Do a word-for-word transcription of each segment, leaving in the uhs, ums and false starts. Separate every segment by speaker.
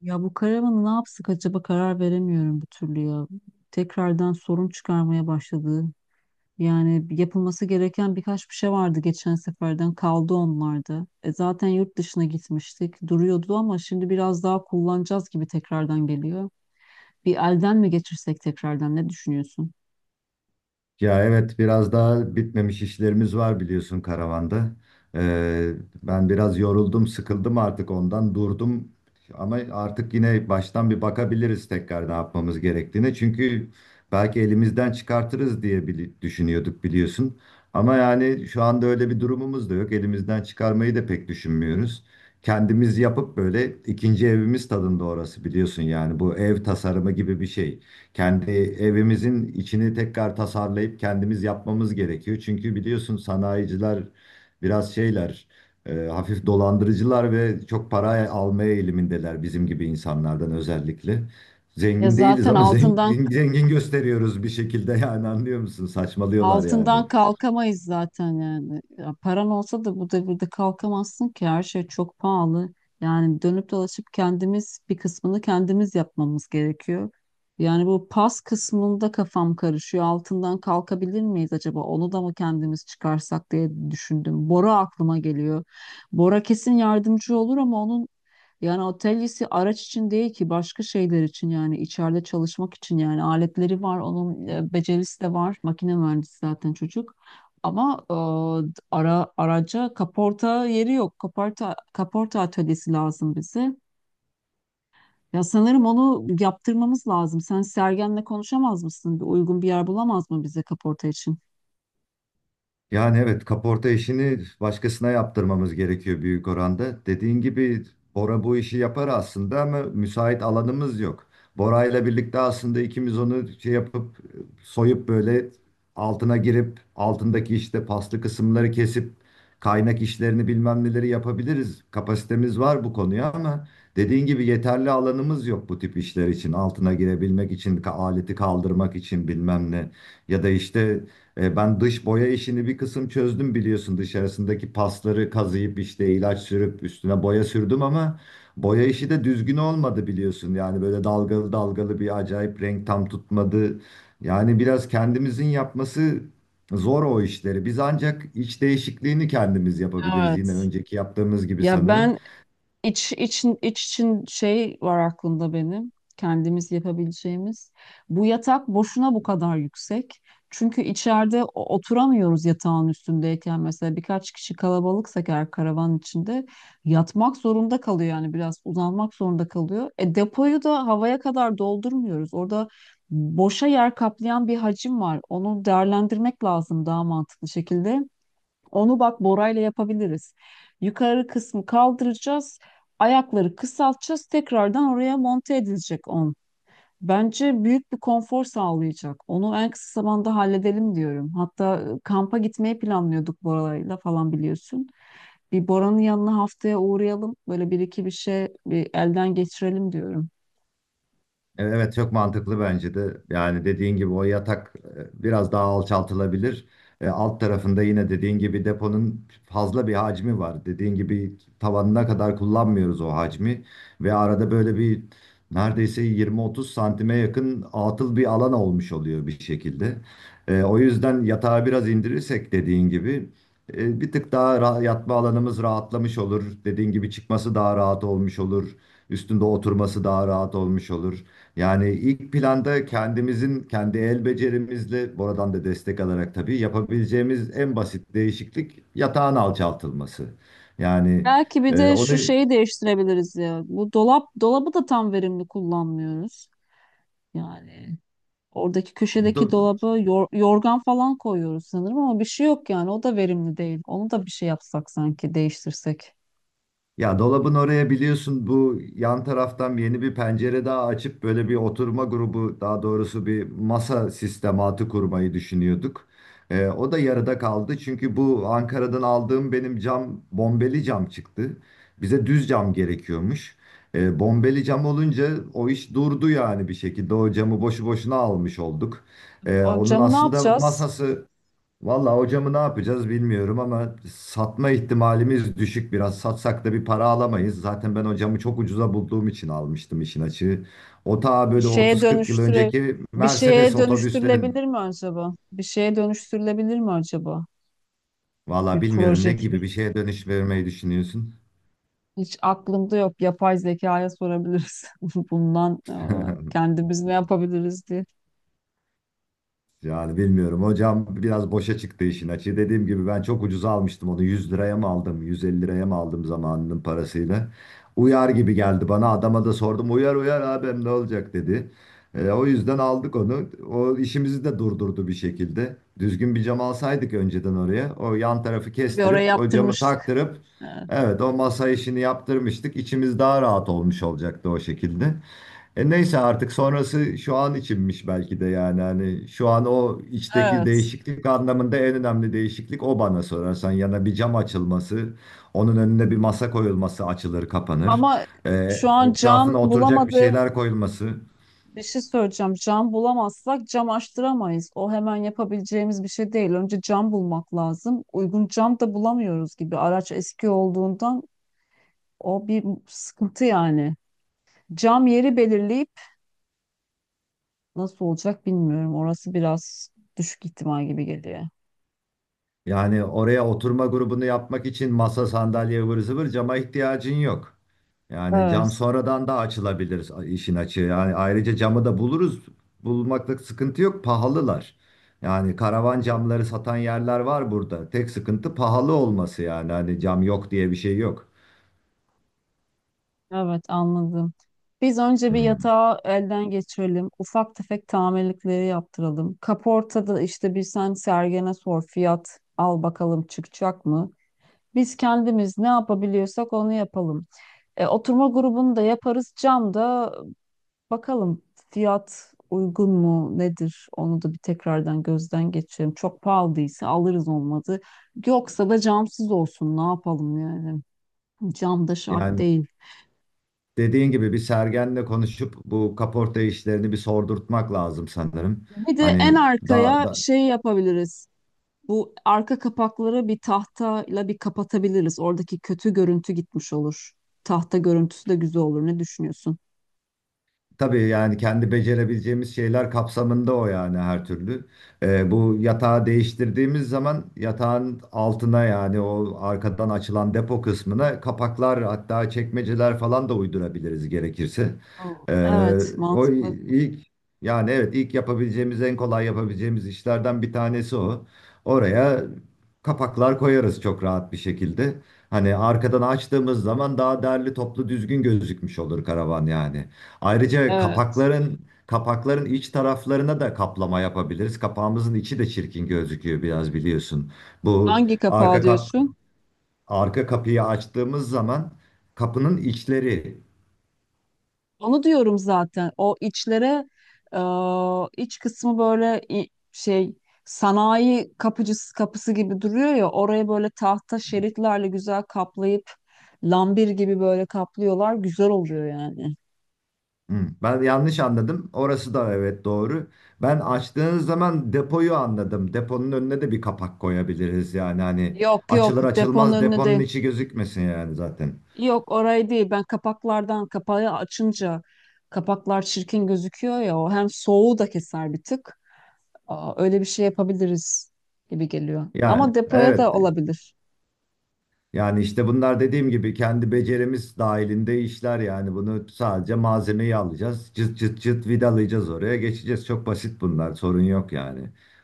Speaker 1: Ya bu karavanı ne yapsak acaba karar veremiyorum bir türlü ya. Tekrardan sorun çıkarmaya başladı. Yani yapılması gereken birkaç bir şey vardı, geçen seferden kaldı onlarda. E zaten yurt dışına gitmiştik, duruyordu ama şimdi biraz daha kullanacağız gibi tekrardan geliyor. Bir elden mi geçirsek tekrardan, ne düşünüyorsun?
Speaker 2: Ya evet biraz daha bitmemiş işlerimiz var biliyorsun karavanda. Ee, Ben biraz yoruldum, sıkıldım artık ondan durdum. Ama artık yine baştan bir bakabiliriz tekrar ne yapmamız gerektiğine. Çünkü belki elimizden çıkartırız diye bili- düşünüyorduk biliyorsun. Ama yani şu anda öyle bir durumumuz da yok. Elimizden çıkarmayı da pek düşünmüyoruz. Kendimiz yapıp böyle ikinci evimiz tadında orası biliyorsun yani bu ev tasarımı gibi bir şey. Kendi evimizin içini tekrar tasarlayıp kendimiz yapmamız gerekiyor. Çünkü biliyorsun sanayiciler biraz şeyler, e, hafif dolandırıcılar ve çok para almaya eğilimindeler bizim gibi insanlardan özellikle.
Speaker 1: Ya
Speaker 2: Zengin değiliz
Speaker 1: zaten
Speaker 2: ama
Speaker 1: altından...
Speaker 2: zengin, zengin gösteriyoruz bir şekilde yani anlıyor musun? Saçmalıyorlar yani.
Speaker 1: Altından kalkamayız zaten yani. Ya paran olsa da bu devirde kalkamazsın ki, her şey çok pahalı. Yani dönüp dolaşıp kendimiz, bir kısmını kendimiz yapmamız gerekiyor. Yani bu pas kısmında kafam karışıyor. Altından kalkabilir miyiz acaba? Onu da mı kendimiz çıkarsak diye düşündüm. Bora aklıma geliyor. Bora kesin yardımcı olur ama onun, yani atölyesi araç için değil ki, başka şeyler için yani, içeride çalışmak için yani. Aletleri var onun, e, becerisi de var, makine mühendisi zaten çocuk, ama e, ara araca kaporta yeri yok. Kaporta kaporta atölyesi lazım bize. Ya sanırım onu yaptırmamız lazım. Sen Sergen'le konuşamaz mısın? Bir uygun bir yer bulamaz mı bize kaporta için?
Speaker 2: Yani evet kaporta işini başkasına yaptırmamız gerekiyor büyük oranda. Dediğin gibi Bora bu işi yapar aslında ama müsait alanımız yok. Bora ile birlikte aslında ikimiz onu şey yapıp soyup böyle altına girip altındaki işte paslı kısımları kesip kaynak işlerini bilmem neleri yapabiliriz. Kapasitemiz var bu konuya ama dediğin gibi yeterli alanımız yok bu tip işler için. Altına girebilmek için, ka- aleti kaldırmak için bilmem ne. Ya da işte e, ben dış boya işini bir kısım çözdüm biliyorsun dışarısındaki pasları kazıyıp işte ilaç sürüp üstüne boya sürdüm ama boya işi de düzgün olmadı biliyorsun yani böyle dalgalı dalgalı bir acayip renk tam tutmadı. Yani biraz kendimizin yapması zor o işleri, biz ancak iç değişikliğini kendimiz yapabiliriz
Speaker 1: Evet.
Speaker 2: yine önceki yaptığımız gibi
Speaker 1: Ya
Speaker 2: sanırım.
Speaker 1: ben... İç, için, iç için şey var aklımda benim. Kendimiz yapabileceğimiz. Bu yatak boşuna bu kadar yüksek. Çünkü içeride o- oturamıyoruz yatağın üstündeyken. Mesela birkaç kişi kalabalıksak eğer, karavan içinde yatmak zorunda kalıyor yani, biraz uzanmak zorunda kalıyor. E depoyu da havaya kadar doldurmuyoruz. Orada boşa yer kaplayan bir hacim var. Onu değerlendirmek lazım daha mantıklı şekilde. Onu bak Bora'yla yapabiliriz. Yukarı kısmı kaldıracağız. Ayakları kısaltacağız. Tekrardan oraya monte edilecek on. Bence büyük bir konfor sağlayacak. Onu en kısa zamanda halledelim diyorum. Hatta e, kampa gitmeyi planlıyorduk Bora'yla falan, biliyorsun. Bir Bora'nın yanına haftaya uğrayalım. Böyle bir iki bir şey, bir elden geçirelim diyorum.
Speaker 2: E, Evet çok mantıklı bence de. Yani dediğin gibi o yatak e, biraz daha alçaltılabilir. E, Alt tarafında yine dediğin gibi deponun fazla bir hacmi var. Dediğin gibi tavanına kadar kullanmıyoruz o hacmi. Ve arada böyle bir neredeyse yirmi otuz santime yakın atıl bir alan olmuş oluyor bir şekilde. E, O yüzden yatağı biraz indirirsek dediğin gibi e, bir tık daha ra- yatma alanımız rahatlamış olur. Dediğin gibi çıkması daha rahat olmuş olur. Üstünde oturması daha rahat olmuş olur. Yani ilk planda kendimizin kendi el becerimizle buradan da destek alarak tabii yapabileceğimiz en basit değişiklik yatağın alçaltılması. Yani
Speaker 1: Belki bir
Speaker 2: e,
Speaker 1: de
Speaker 2: onu
Speaker 1: şu şeyi değiştirebiliriz ya. Bu dolap dolabı da tam verimli kullanmıyoruz. Yani oradaki köşedeki
Speaker 2: do-
Speaker 1: dolaba yor- yorgan falan koyuyoruz sanırım ama bir şey yok yani. O da verimli değil. Onu da bir şey yapsak, sanki değiştirsek.
Speaker 2: ya dolabın oraya biliyorsun bu yan taraftan yeni bir pencere daha açıp böyle bir oturma grubu daha doğrusu bir masa sistematı kurmayı düşünüyorduk. Ee, o da yarıda kaldı çünkü bu Ankara'dan aldığım benim cam bombeli cam çıktı. Bize düz cam gerekiyormuş. Ee, bombeli cam olunca o iş durdu yani bir şekilde o camı boşu boşuna almış olduk. Ee,
Speaker 1: O
Speaker 2: onun
Speaker 1: camı ne
Speaker 2: aslında
Speaker 1: yapacağız?
Speaker 2: masası vallahi hocamı ne yapacağız bilmiyorum ama satma ihtimalimiz düşük biraz. Satsak da bir para alamayız. Zaten ben hocamı çok ucuza bulduğum için almıştım işin açığı. O ta
Speaker 1: Bir
Speaker 2: böyle
Speaker 1: şeye
Speaker 2: otuz kırk yıl
Speaker 1: dönüştüre
Speaker 2: önceki
Speaker 1: bir
Speaker 2: Mercedes
Speaker 1: şeye
Speaker 2: otobüslerin.
Speaker 1: dönüştürülebilir mi acaba? Bir şeye dönüştürülebilir mi acaba?
Speaker 2: Vallahi
Speaker 1: Bir
Speaker 2: bilmiyorum ne
Speaker 1: proje gibi.
Speaker 2: gibi bir şeye dönüş vermeyi düşünüyorsun.
Speaker 1: Hiç aklımda yok. Yapay zekaya sorabiliriz. Bundan e, kendimiz ne yapabiliriz diye.
Speaker 2: Yani bilmiyorum hocam biraz boşa çıktı işin açığı. Dediğim gibi ben çok ucuza almıştım onu, yüz liraya mı aldım yüz elli liraya mı aldım zamanının parasıyla. Uyar gibi geldi bana, adama da sordum, uyar uyar abim ne olacak dedi. E, o yüzden aldık onu. O işimizi de durdurdu bir şekilde. Düzgün bir cam alsaydık önceden oraya, o yan tarafı
Speaker 1: Bir oraya
Speaker 2: kestirip o camı
Speaker 1: yaptırmıştık.
Speaker 2: taktırıp
Speaker 1: Evet.
Speaker 2: evet o masa işini yaptırmıştık. İçimiz daha rahat olmuş olacaktı o şekilde. E neyse artık sonrası şu an içinmiş belki de, yani hani şu an o içteki
Speaker 1: Evet.
Speaker 2: değişiklik anlamında en önemli değişiklik o bana sorarsan, yana bir cam açılması, onun önüne bir masa koyulması, açılır kapanır,
Speaker 1: Ama
Speaker 2: E,
Speaker 1: şu an cam
Speaker 2: etrafına oturacak bir
Speaker 1: bulamadığım...
Speaker 2: şeyler koyulması.
Speaker 1: Bir şey söyleyeceğim. Cam bulamazsak cam açtıramayız. O hemen yapabileceğimiz bir şey değil. Önce cam bulmak lazım. Uygun cam da bulamıyoruz gibi. Araç eski olduğundan o bir sıkıntı yani. Cam yeri belirleyip nasıl olacak bilmiyorum. Orası biraz düşük ihtimal gibi geliyor.
Speaker 2: Yani oraya oturma grubunu yapmak için masa sandalye ıvır zıvır cama ihtiyacın yok. Yani cam
Speaker 1: Evet.
Speaker 2: sonradan da açılabilir işin açığı. Yani ayrıca camı da buluruz. Bulmakta sıkıntı yok. Pahalılar. Yani karavan camları satan yerler var burada. Tek sıkıntı pahalı olması yani. Hani cam yok diye bir şey yok.
Speaker 1: Evet, anladım. Biz önce bir
Speaker 2: Hmm.
Speaker 1: yatağı elden geçirelim. Ufak tefek tamirlikleri yaptıralım. Kaportada işte bir sen Sergen'e sor, fiyat al bakalım, çıkacak mı? Biz kendimiz ne yapabiliyorsak onu yapalım. E, oturma grubunu da yaparız. Cam da bakalım fiyat uygun mu nedir? Onu da bir tekrardan gözden geçirelim. Çok pahalıysa alırız, olmadı yoksa da camsız olsun. Ne yapalım yani? Cam da şart
Speaker 2: Yani
Speaker 1: değil.
Speaker 2: dediğin gibi bir Sergen'le konuşup bu kaporta işlerini bir sordurtmak lazım sanırım.
Speaker 1: Bir de en
Speaker 2: Hani daha
Speaker 1: arkaya şey yapabiliriz. Bu arka kapakları bir tahtayla bir kapatabiliriz. Oradaki kötü görüntü gitmiş olur. Tahta görüntüsü de güzel olur. Ne düşünüyorsun?
Speaker 2: Tabii yani kendi becerebileceğimiz şeyler kapsamında o yani, her türlü. Ee, bu yatağı değiştirdiğimiz zaman yatağın altına, yani o arkadan açılan depo kısmına, kapaklar hatta çekmeceler falan da uydurabiliriz gerekirse.
Speaker 1: Hı.
Speaker 2: Ee,
Speaker 1: Evet,
Speaker 2: o
Speaker 1: mantıklı.
Speaker 2: ilk Yani evet ilk yapabileceğimiz, en kolay yapabileceğimiz işlerden bir tanesi o. Oraya kapaklar koyarız çok rahat bir şekilde. Hani arkadan açtığımız zaman daha derli toplu düzgün gözükmüş olur karavan yani. Ayrıca
Speaker 1: Evet.
Speaker 2: kapakların kapakların iç taraflarına da kaplama yapabiliriz. Kapağımızın içi de çirkin gözüküyor biraz biliyorsun. Bu
Speaker 1: Hangi kapağı
Speaker 2: arka kap
Speaker 1: diyorsun?
Speaker 2: Arka kapıyı açtığımız zaman kapının içleri.
Speaker 1: Onu diyorum zaten. O içlere e, iç kısmı böyle... i- şey, sanayi kapıcısı kapısı gibi duruyor ya, oraya böyle tahta şeritlerle güzel kaplayıp, lambir gibi böyle kaplıyorlar. Güzel oluyor yani.
Speaker 2: Hmm, ben yanlış anladım. Orası da evet doğru. Ben açtığınız zaman depoyu anladım. Deponun önüne de bir kapak koyabiliriz yani, hani
Speaker 1: Yok yok,
Speaker 2: açılır
Speaker 1: deponun
Speaker 2: açılmaz
Speaker 1: önüne
Speaker 2: deponun
Speaker 1: değil.
Speaker 2: içi gözükmesin yani zaten.
Speaker 1: Yok, orayı değil. Ben kapaklardan, kapağı açınca kapaklar çirkin gözüküyor ya, o hem soğuğu da keser bir tık. Aa, öyle bir şey yapabiliriz gibi geliyor.
Speaker 2: Yani
Speaker 1: Ama depoya
Speaker 2: evet
Speaker 1: da olabilir.
Speaker 2: Yani işte bunlar dediğim gibi kendi becerimiz dahilinde işler, yani bunu sadece malzemeyi alacağız, cıt cıt cıt vidalayacağız oraya, geçeceğiz. Çok basit bunlar, sorun yok yani.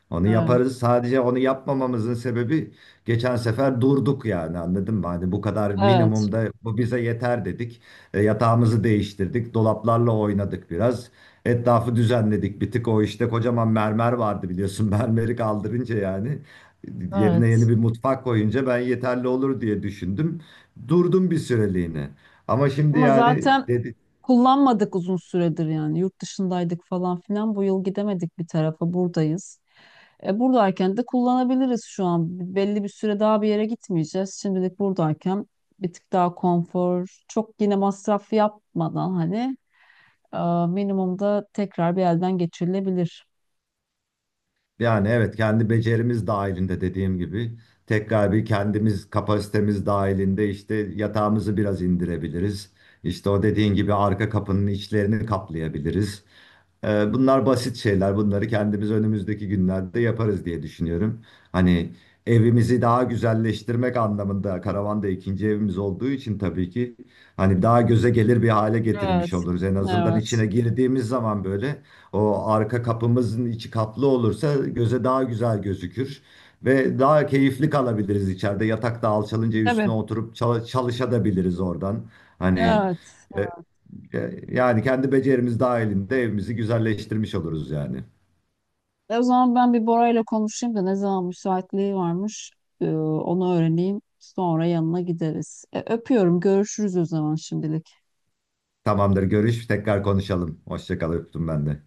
Speaker 2: Onu
Speaker 1: Evet.
Speaker 2: yaparız, sadece onu yapmamamızın sebebi geçen sefer durduk yani anladın mı? Hani bu kadar
Speaker 1: Evet.
Speaker 2: minimumda bu bize yeter dedik. E, yatağımızı değiştirdik, dolaplarla oynadık biraz. Etrafı düzenledik bir tık, o işte kocaman mermer vardı biliyorsun mermeri kaldırınca yani. Yerine yeni
Speaker 1: Evet.
Speaker 2: bir mutfak koyunca ben yeterli olur diye düşündüm. Durdum bir süreliğine. Ama şimdi
Speaker 1: Ama
Speaker 2: yani
Speaker 1: zaten
Speaker 2: dedi,
Speaker 1: kullanmadık uzun süredir yani. Yurt dışındaydık falan filan. Bu yıl gidemedik bir tarafa. Buradayız. E, buradayken de kullanabiliriz şu an. Belli bir süre daha bir yere gitmeyeceğiz. Şimdilik buradayken bir tık daha konfor, çok yine masraf yapmadan, hani e, minimumda tekrar bir elden geçirilebilir.
Speaker 2: Yani evet kendi becerimiz dahilinde dediğim gibi tekrar bir kendimiz kapasitemiz dahilinde işte yatağımızı biraz indirebiliriz. İşte o dediğin gibi arka kapının içlerini kaplayabiliriz. Ee, bunlar basit şeyler. Bunları kendimiz önümüzdeki günlerde yaparız diye düşünüyorum. Hani evimizi daha güzelleştirmek anlamında karavan da ikinci evimiz olduğu için tabii ki hani daha göze gelir bir hale getirmiş
Speaker 1: Evet.
Speaker 2: oluruz. En azından
Speaker 1: Evet.
Speaker 2: içine girdiğimiz zaman böyle o arka kapımızın içi kaplı olursa göze daha güzel gözükür ve daha keyifli kalabiliriz içeride. Yatakta alçalınca
Speaker 1: Tabii.
Speaker 2: üstüne oturup çal- çalışabiliriz oradan. Hani
Speaker 1: Evet.
Speaker 2: e, e, Yani kendi becerimiz dahilinde evimizi güzelleştirmiş oluruz yani.
Speaker 1: E, o zaman ben bir Bora ile konuşayım da ne zaman müsaitliği varmış, e, onu öğreneyim. Sonra yanına gideriz. E, öpüyorum. Görüşürüz o zaman şimdilik.
Speaker 2: Tamamdır, görüş, tekrar konuşalım. Hoşça kal, öptüm ben de.